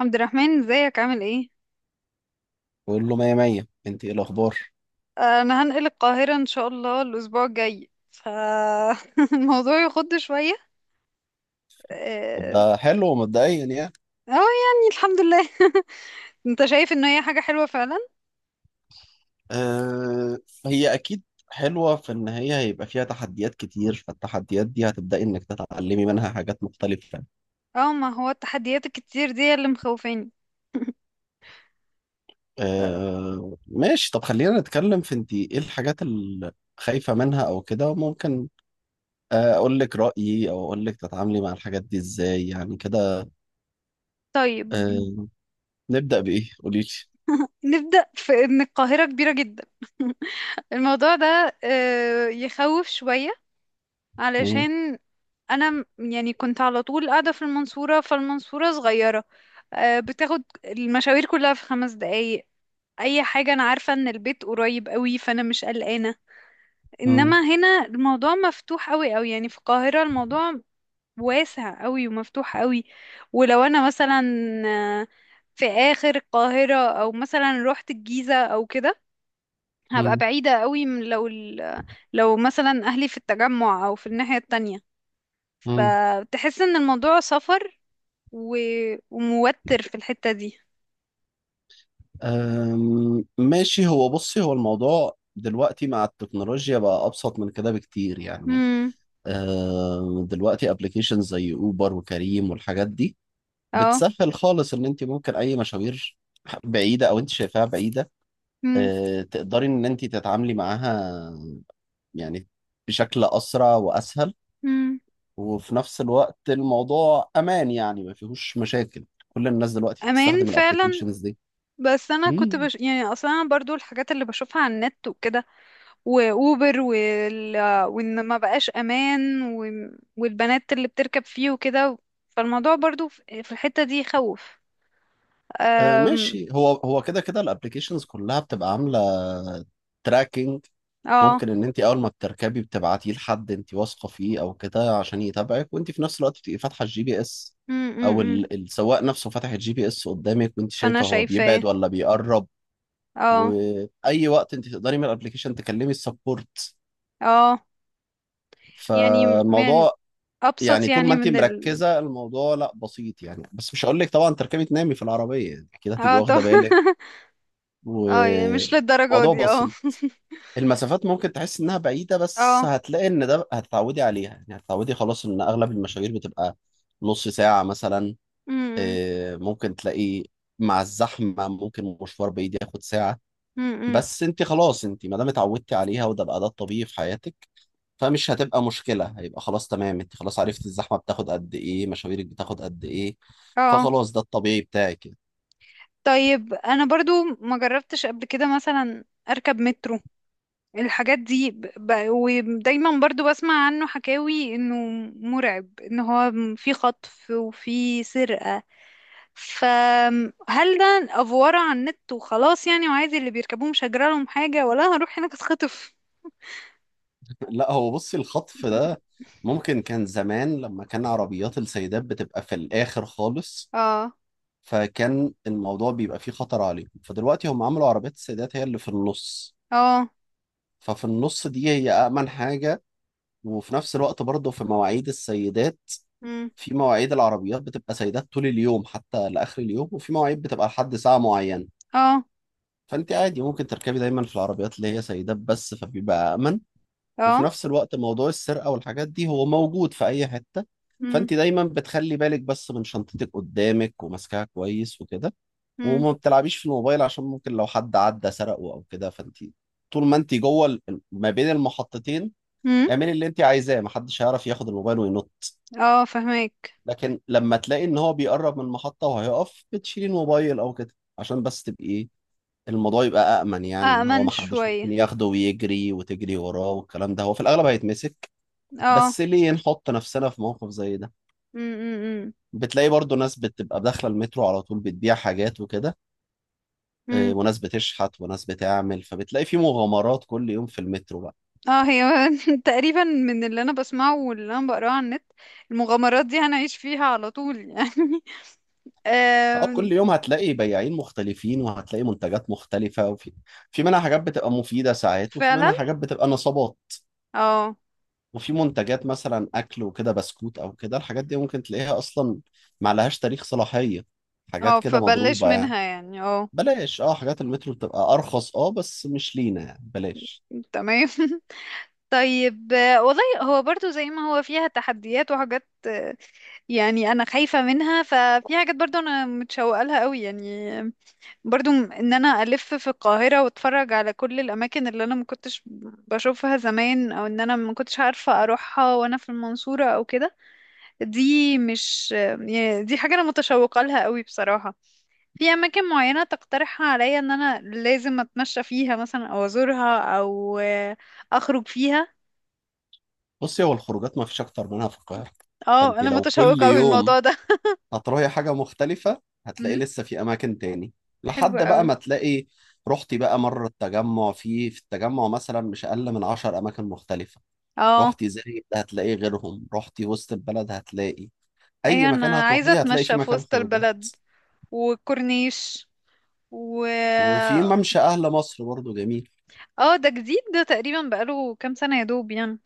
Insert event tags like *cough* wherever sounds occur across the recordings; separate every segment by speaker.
Speaker 1: عبد الرحمن، ازيك عامل ايه؟
Speaker 2: بقول له مية مية، انت ايه الاخبار؟
Speaker 1: انا هنقل القاهرة ان شاء الله الاسبوع الجاي، فالموضوع *laughs* يخض شوية.
Speaker 2: طب
Speaker 1: اه.
Speaker 2: ده حلو مبدئيا يعني.
Speaker 1: آه، يعني الحمد لله. *laughs* انت شايف ان هي حاجة حلوة فعلا؟
Speaker 2: آه، هي اكيد حلوة في ان هي هيبقى فيها تحديات كتير، فالتحديات دي هتبدأي انك تتعلمي منها حاجات مختلفة.
Speaker 1: اه، ما هو التحديات الكتير دي اللي مخوفاني. آه،
Speaker 2: آه، ماشي. طب خلينا نتكلم في انت ايه الحاجات اللي خايفة منها او كده، ممكن اقول لك رأيي او اقول لك تتعاملي مع الحاجات دي ازاي يعني كده.
Speaker 1: طيب.
Speaker 2: آه، نبدأ بايه؟ قولي
Speaker 1: نبدأ في ان القاهرة كبيرة جدا. *laughs* الموضوع ده يخوف شوية، علشان انا يعني كنت على طول قاعدة في المنصورة، فالمنصورة صغيرة. بتاخد المشاوير كلها في 5 دقايق، اي حاجة. انا عارفة ان البيت قريب قوي، فانا مش قلقانة. انما هنا الموضوع مفتوح قوي قوي، يعني في القاهرة الموضوع واسع قوي ومفتوح قوي. ولو انا مثلا آه، في اخر القاهرة، او مثلا روحت الجيزة او كده، هبقى بعيدة قوي، من لو مثلا اهلي في التجمع او في الناحية التانية.
Speaker 2: لي.
Speaker 1: فتحس ان الموضوع سفر و... وموتر في الحتة دي.
Speaker 2: ماشي. هو بصي، هو الموضوع دلوقتي مع التكنولوجيا بقى أبسط من كده بكتير يعني.
Speaker 1: امم.
Speaker 2: دلوقتي ابلكيشن زي أوبر وكريم والحاجات دي
Speaker 1: اه.
Speaker 2: بتسهل خالص إن أنت ممكن أي مشاوير بعيدة أو أنت شايفاها بعيدة،
Speaker 1: امم،
Speaker 2: تقدري إن أنت تتعاملي معاها يعني بشكل أسرع وأسهل.
Speaker 1: امم.
Speaker 2: وفي نفس الوقت الموضوع أمان يعني، ما فيهوش مشاكل. كل الناس دلوقتي
Speaker 1: امان
Speaker 2: بتستخدم
Speaker 1: فعلا،
Speaker 2: الابلكيشنز
Speaker 1: بس انا
Speaker 2: دي.
Speaker 1: كنت يعني اصلا انا برضو الحاجات اللي بشوفها على النت وكده، واوبر وان ما بقاش امان، والبنات اللي بتركب فيه وكده، فالموضوع برضو في الحتة دي يخوف.
Speaker 2: آه،
Speaker 1: أم...
Speaker 2: ماشي. هو هو كده كده الابلكيشنز كلها بتبقى عامله تراكنج.
Speaker 1: اه.
Speaker 2: ممكن ان انت اول ما بتركبي بتبعتيه لحد انت واثقه فيه او كده عشان يتابعك، وانت في نفس الوقت بتبقي فاتحه الجي بي اس،
Speaker 1: امم،
Speaker 2: او
Speaker 1: امم.
Speaker 2: السواق نفسه فاتح الجي بي اس قدامك وانت
Speaker 1: فانا
Speaker 2: شايفه هو
Speaker 1: شايفة إيه.
Speaker 2: بيبعد ولا بيقرب.
Speaker 1: اه،
Speaker 2: واي وقت انت تقدري من الابلكيشن تكلمي السبورت.
Speaker 1: اه. يعني من
Speaker 2: فالموضوع
Speaker 1: ابسط،
Speaker 2: يعني طول ما
Speaker 1: يعني
Speaker 2: انت
Speaker 1: من،
Speaker 2: مركزه الموضوع لا بسيط يعني، بس مش هقول لك طبعا تركبي تنامي في العربيه يعني كده، هتبقي
Speaker 1: اه طب.
Speaker 2: واخده بالك.
Speaker 1: *laughs* اه، يعني مش للدرجة
Speaker 2: وموضوع
Speaker 1: دي، اه.
Speaker 2: بسيط. المسافات ممكن تحس انها بعيده بس
Speaker 1: اه.
Speaker 2: هتلاقي ان ده هتتعودي عليها يعني، هتتعودي خلاص ان اغلب المشاوير بتبقى نص ساعه مثلا.
Speaker 1: امم،
Speaker 2: ممكن تلاقي مع الزحمه ممكن مشوار بعيد ياخد ساعه.
Speaker 1: امم، امم.
Speaker 2: بس انت خلاص، انت ما دام اتعودتي عليها وده بقى ده الطبيعي في حياتك فمش هتبقى مشكله. هيبقى خلاص تمام، انت خلاص عرفتي الزحمه بتاخد قد ايه، مشاويرك بتاخد قد ايه،
Speaker 1: اه،
Speaker 2: فخلاص ده الطبيعي بتاعك.
Speaker 1: طيب. انا برضو ما جربتش قبل كده مثلا اركب مترو، الحاجات دي ودايما برضو بسمع عنه حكاوي انه مرعب، ان هو في خطف وفي سرقة. فهل ده افورة على النت وخلاص، يعني وعادي اللي بيركبوه مش هجرى لهم حاجة، ولا هروح هناك اتخطف؟
Speaker 2: لا، هو بصي الخطف ده ممكن كان زمان لما كان عربيات السيدات بتبقى في الآخر خالص،
Speaker 1: اه.
Speaker 2: فكان الموضوع بيبقى فيه خطر عليهم. فدلوقتي هم عملوا عربيات السيدات هي اللي في النص،
Speaker 1: اه.
Speaker 2: ففي النص دي هي أأمن حاجة. وفي نفس الوقت برضه في مواعيد السيدات،
Speaker 1: امم.
Speaker 2: في مواعيد العربيات بتبقى سيدات طول اليوم حتى لآخر اليوم، وفي مواعيد بتبقى لحد ساعة معينة.
Speaker 1: اه.
Speaker 2: فأنت عادي ممكن تركبي دايما في العربيات اللي هي سيدات بس فبيبقى أمن. وفي
Speaker 1: اه.
Speaker 2: نفس الوقت موضوع السرقة والحاجات دي هو موجود في أي حتة.
Speaker 1: امم،
Speaker 2: فأنت دايما بتخلي بالك بس من شنطتك قدامك وماسكاها كويس وكده.
Speaker 1: امم،
Speaker 2: وما بتلعبيش في الموبايل عشان ممكن لو حد عدى سرقه أو كده، فأنت طول ما أنت جوه ما بين المحطتين
Speaker 1: امم.
Speaker 2: اعملي اللي أنت عايزاه، محدش هيعرف ياخد الموبايل وينط.
Speaker 1: اه، فهماك.
Speaker 2: لكن لما تلاقي إن هو بيقرب من المحطة وهيقف بتشيلي الموبايل أو كده عشان بس تبقي إيه، الموضوع يبقى أأمن يعني، إن هو
Speaker 1: أأمن
Speaker 2: محدش
Speaker 1: شوية.
Speaker 2: ممكن ياخده ويجري وتجري وراه، والكلام ده هو في الأغلب هيتمسك.
Speaker 1: اه.
Speaker 2: بس ليه نحط نفسنا في موقف زي ده؟
Speaker 1: م- م-
Speaker 2: بتلاقي برضو ناس بتبقى داخلة المترو على طول بتبيع حاجات وكده،
Speaker 1: م- م.
Speaker 2: وناس بتشحت وناس بتعمل، فبتلاقي في مغامرات كل يوم في المترو بقى.
Speaker 1: اه، هي *laughs* تقريبا من اللي انا بسمعه واللي انا بقراه على النت، المغامرات دي هنعيش فيها على طول يعني. *laughs*
Speaker 2: اه، كل
Speaker 1: آم.
Speaker 2: يوم هتلاقي بياعين مختلفين وهتلاقي منتجات مختلفة، وفي في منها حاجات بتبقى مفيدة ساعات وفي
Speaker 1: فعلا.
Speaker 2: منها حاجات بتبقى نصابات.
Speaker 1: اه،
Speaker 2: وفي منتجات مثلا أكل وكده بسكوت أو كده، الحاجات دي ممكن تلاقيها أصلا ما لهاش تاريخ صلاحية، حاجات
Speaker 1: اه.
Speaker 2: كده
Speaker 1: فبلش
Speaker 2: مضروبة يعني.
Speaker 1: منها يعني، اه.
Speaker 2: بلاش، اه، حاجات المترو بتبقى أرخص، اه، بس مش لينا يعني، بلاش.
Speaker 1: تمام. *laughs* طيب. والله هو برضو زي ما هو فيها تحديات وحاجات، يعني انا خايفة منها، ففي حاجات برضو انا متشوقة لها قوي يعني. برضو ان انا الف في القاهرة، واتفرج على كل الاماكن اللي انا ما كنتش بشوفها زمان، او ان انا ما كنتش عارفة اروحها وانا في المنصورة او كده. دي مش يعني دي حاجة انا متشوقة لها قوي بصراحة. في اماكن معينة تقترحها عليا، ان انا لازم اتمشى فيها مثلا، او ازورها، او اخرج فيها؟
Speaker 2: بصي هو الخروجات ما فيش اكتر منها في القاهره.
Speaker 1: اه،
Speaker 2: فانت
Speaker 1: انا
Speaker 2: لو كل
Speaker 1: متشوقة اوي
Speaker 2: يوم
Speaker 1: الموضوع ده.
Speaker 2: هتروحي حاجه مختلفه هتلاقي
Speaker 1: امم.
Speaker 2: لسه في اماكن تاني،
Speaker 1: حلو
Speaker 2: لحد بقى
Speaker 1: اوي.
Speaker 2: ما تلاقي رحتي بقى مره التجمع. في التجمع مثلا مش اقل من 10 اماكن مختلفه.
Speaker 1: اه.
Speaker 2: رحتي زايد هتلاقي غيرهم، رحتي وسط البلد هتلاقي، اي
Speaker 1: ايوه،
Speaker 2: مكان
Speaker 1: انا عايزة
Speaker 2: هتروحيه هتلاقي في
Speaker 1: اتمشى في
Speaker 2: مكان
Speaker 1: وسط
Speaker 2: خروجه.
Speaker 1: البلد، وكورنيش، و
Speaker 2: وفي ممشى اهل مصر برضو جميل.
Speaker 1: اه، ده جديد ده، تقريبا بقاله كام سنة يا دوب يعني.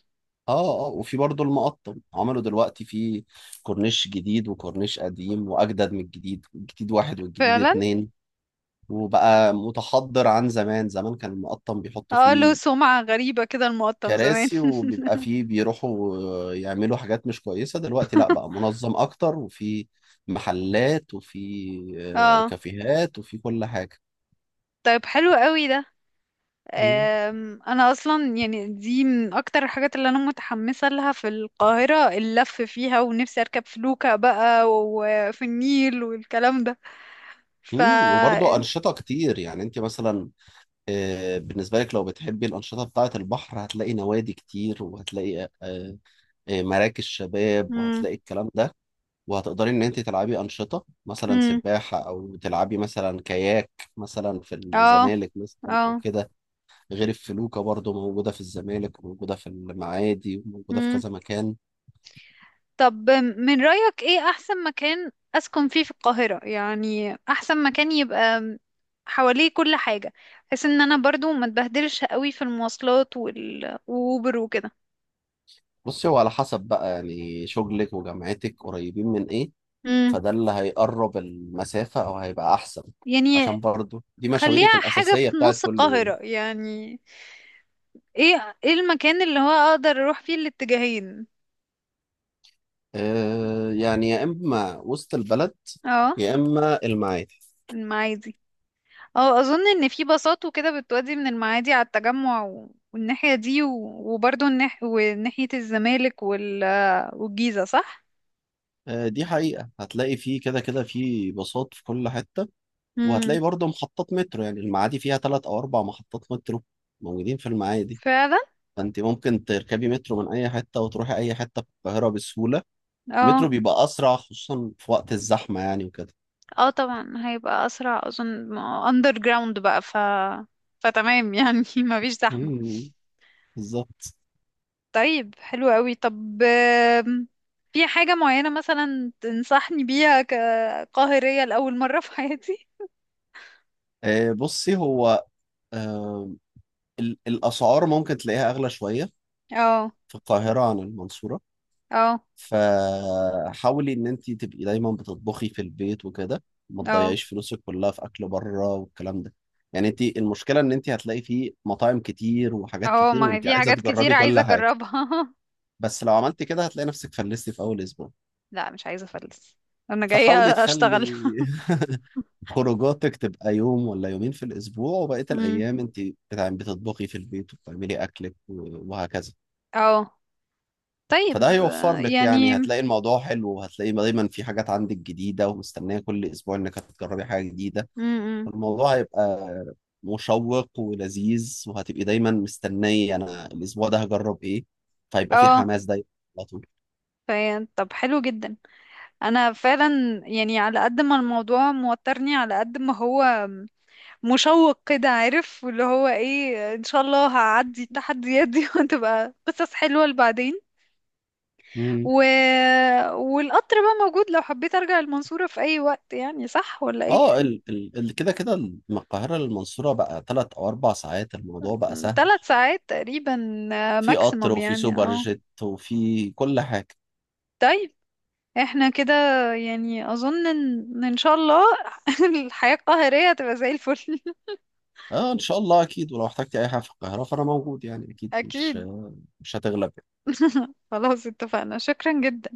Speaker 2: اه، اه، وفي برضو المقطم عملوا دلوقتي في كورنيش جديد وكورنيش قديم، واجدد من الجديد، الجديد واحد والجديد
Speaker 1: فعلا.
Speaker 2: اتنين. وبقى متحضر. عن زمان زمان كان المقطم بيحطوا
Speaker 1: اه، له
Speaker 2: فيه
Speaker 1: سمعة غريبة كده المقطم زمان.
Speaker 2: كراسي
Speaker 1: *laughs*
Speaker 2: وبيبقى فيه بيروحوا يعملوا حاجات مش كويسة. دلوقتي لا، بقى منظم أكتر، وفي محلات وفي
Speaker 1: اه.
Speaker 2: كافيهات وفي كل حاجة.
Speaker 1: طيب، حلو قوي ده.
Speaker 2: مم.
Speaker 1: انا اصلا يعني دي من اكتر الحاجات اللي انا متحمسه لها في القاهره، اللف فيها، ونفسي اركب فلوكه بقى وفي النيل والكلام ده. ف
Speaker 2: مم، وبرضه أنشطة كتير يعني أنت مثلا، بالنسبة لك لو بتحبي الأنشطة بتاعة البحر هتلاقي نوادي كتير، وهتلاقي مراكز شباب
Speaker 1: مم.
Speaker 2: وهتلاقي الكلام ده. وهتقدري ان انت تلعبي انشطه مثلا
Speaker 1: امم.
Speaker 2: سباحه او تلعبي مثلا كاياك، مثلا في
Speaker 1: اه،
Speaker 2: الزمالك مثلا او
Speaker 1: اه.
Speaker 2: كده. غير الفلوكه برضو موجوده في الزمالك وموجوده في المعادي وموجوده في
Speaker 1: امم.
Speaker 2: كذا مكان.
Speaker 1: طب، من رأيك ايه احسن مكان اسكن فيه في القاهرة؟ يعني احسن مكان يبقى حواليه كل حاجة، بحيث ان انا برضو ما اتبهدلش قوي في المواصلات واوبر وكده.
Speaker 2: بصي هو على حسب بقى يعني، شغلك وجامعتك قريبين من ايه،
Speaker 1: امم.
Speaker 2: فده اللي هيقرب المسافه او هيبقى احسن،
Speaker 1: يعني
Speaker 2: عشان برضو دي مشاويرك
Speaker 1: خليها حاجة
Speaker 2: الاساسيه
Speaker 1: في
Speaker 2: بتاعت
Speaker 1: نص
Speaker 2: كل يوم.
Speaker 1: القاهرة، يعني ايه المكان اللي هو اقدر اروح فيه الاتجاهين؟
Speaker 2: آه يعني، يا اما وسط البلد
Speaker 1: اه،
Speaker 2: يا اما المعادي.
Speaker 1: المعادي. اه، اظن ان في باصات وكده بتودي من المعادي على التجمع والناحية دي، وبرضه وناحية الزمالك والجيزة، صح؟
Speaker 2: آه، دي حقيقة هتلاقي فيه كده كده فيه باصات في كل حتة، وهتلاقي
Speaker 1: امم.
Speaker 2: برضه محطات مترو. يعني المعادي فيها تلات أو أربع محطات مترو موجودين في المعادي.
Speaker 1: فعلا.
Speaker 2: فأنت ممكن تركبي مترو من أي حتة وتروحي أي حتة في القاهرة بسهولة. المترو
Speaker 1: اه،
Speaker 2: بيبقى أسرع خصوصا في وقت الزحمة يعني وكده.
Speaker 1: اه، طبعا هيبقى اسرع، اظن اندر جراوند بقى. فتمام يعني، *laughs* ما فيش زحمة.
Speaker 2: مم، بالظبط.
Speaker 1: طيب، حلو قوي. طب، في حاجة معينة مثلا تنصحني بيها كقاهرية لأول مرة في حياتي؟
Speaker 2: آه، بصي هو آه، الأسعار ممكن تلاقيها أغلى شوية
Speaker 1: اه.
Speaker 2: في القاهرة عن المنصورة،
Speaker 1: اه.
Speaker 2: فحاولي ان انت تبقي دايما بتطبخي في البيت وكده، ما
Speaker 1: اه.
Speaker 2: تضيعيش فلوسك كلها في اكل بره والكلام ده. يعني انت المشكله ان انت هتلاقي فيه مطاعم كتير وحاجات
Speaker 1: اه.
Speaker 2: كتير،
Speaker 1: ما هي
Speaker 2: وانت
Speaker 1: في
Speaker 2: عايزه
Speaker 1: حاجات كتير
Speaker 2: تجربي
Speaker 1: عايزة
Speaker 2: كل حاجه،
Speaker 1: اجربها. *laughs*
Speaker 2: بس لو عملتي كده هتلاقي نفسك فلستي في اول اسبوع.
Speaker 1: لا، مش عايزة افلس. انا جاية
Speaker 2: فحاولي تخلي
Speaker 1: اشتغل. *laughs*
Speaker 2: *laughs* خروجاتك تبقى يوم ولا يومين في الاسبوع وبقيه
Speaker 1: امم.
Speaker 2: الايام انت بتعملي بتطبخي في البيت وبتعملي اكلك وهكذا.
Speaker 1: اه.
Speaker 2: فده
Speaker 1: طيب.
Speaker 2: هيوفر لك
Speaker 1: يعني.
Speaker 2: يعني، هتلاقي الموضوع حلو، وهتلاقي دايما في حاجات عندك جديدة ومستنية كل أسبوع إنك هتجربي حاجة جديدة.
Speaker 1: امم.
Speaker 2: الموضوع هيبقى مشوق ولذيذ، وهتبقي دايما مستنية أنا الأسبوع ده هجرب إيه، فهيبقى في
Speaker 1: اه.
Speaker 2: حماس دايما على طول.
Speaker 1: طب، حلو جدا. انا فعلا يعني على قد ما الموضوع موترني، على قد ما هو مشوق كده، عارف؟ واللي هو ايه، ان شاء الله هعدي التحديات دي، *laughs* وتبقى قصص حلوة لبعدين.
Speaker 2: مم.
Speaker 1: و... والقطر بقى موجود لو حبيت ارجع المنصورة في اي وقت، يعني صح ولا ايه؟
Speaker 2: اه، كده كده من القاهرة للمنصورة بقى 3 أو 4 ساعات. الموضوع بقى
Speaker 1: *laughs*
Speaker 2: سهل،
Speaker 1: 3 ساعات تقريبا،
Speaker 2: في قطر
Speaker 1: ماكسيموم
Speaker 2: وفي
Speaker 1: يعني.
Speaker 2: سوبر
Speaker 1: اه.
Speaker 2: جيت وفي كل حاجة.
Speaker 1: طيب، احنا كده يعني اظن ان ان شاء الله *laughs* الحياة القاهرية هتبقى زي الفل.
Speaker 2: اه، إن شاء الله أكيد. ولو احتجتي أي حاجة في القاهرة فأنا موجود يعني، أكيد
Speaker 1: *laughs*
Speaker 2: مش
Speaker 1: اكيد.
Speaker 2: مش هتغلب يعني.
Speaker 1: *laughs* خلاص، اتفقنا، شكرا جدا.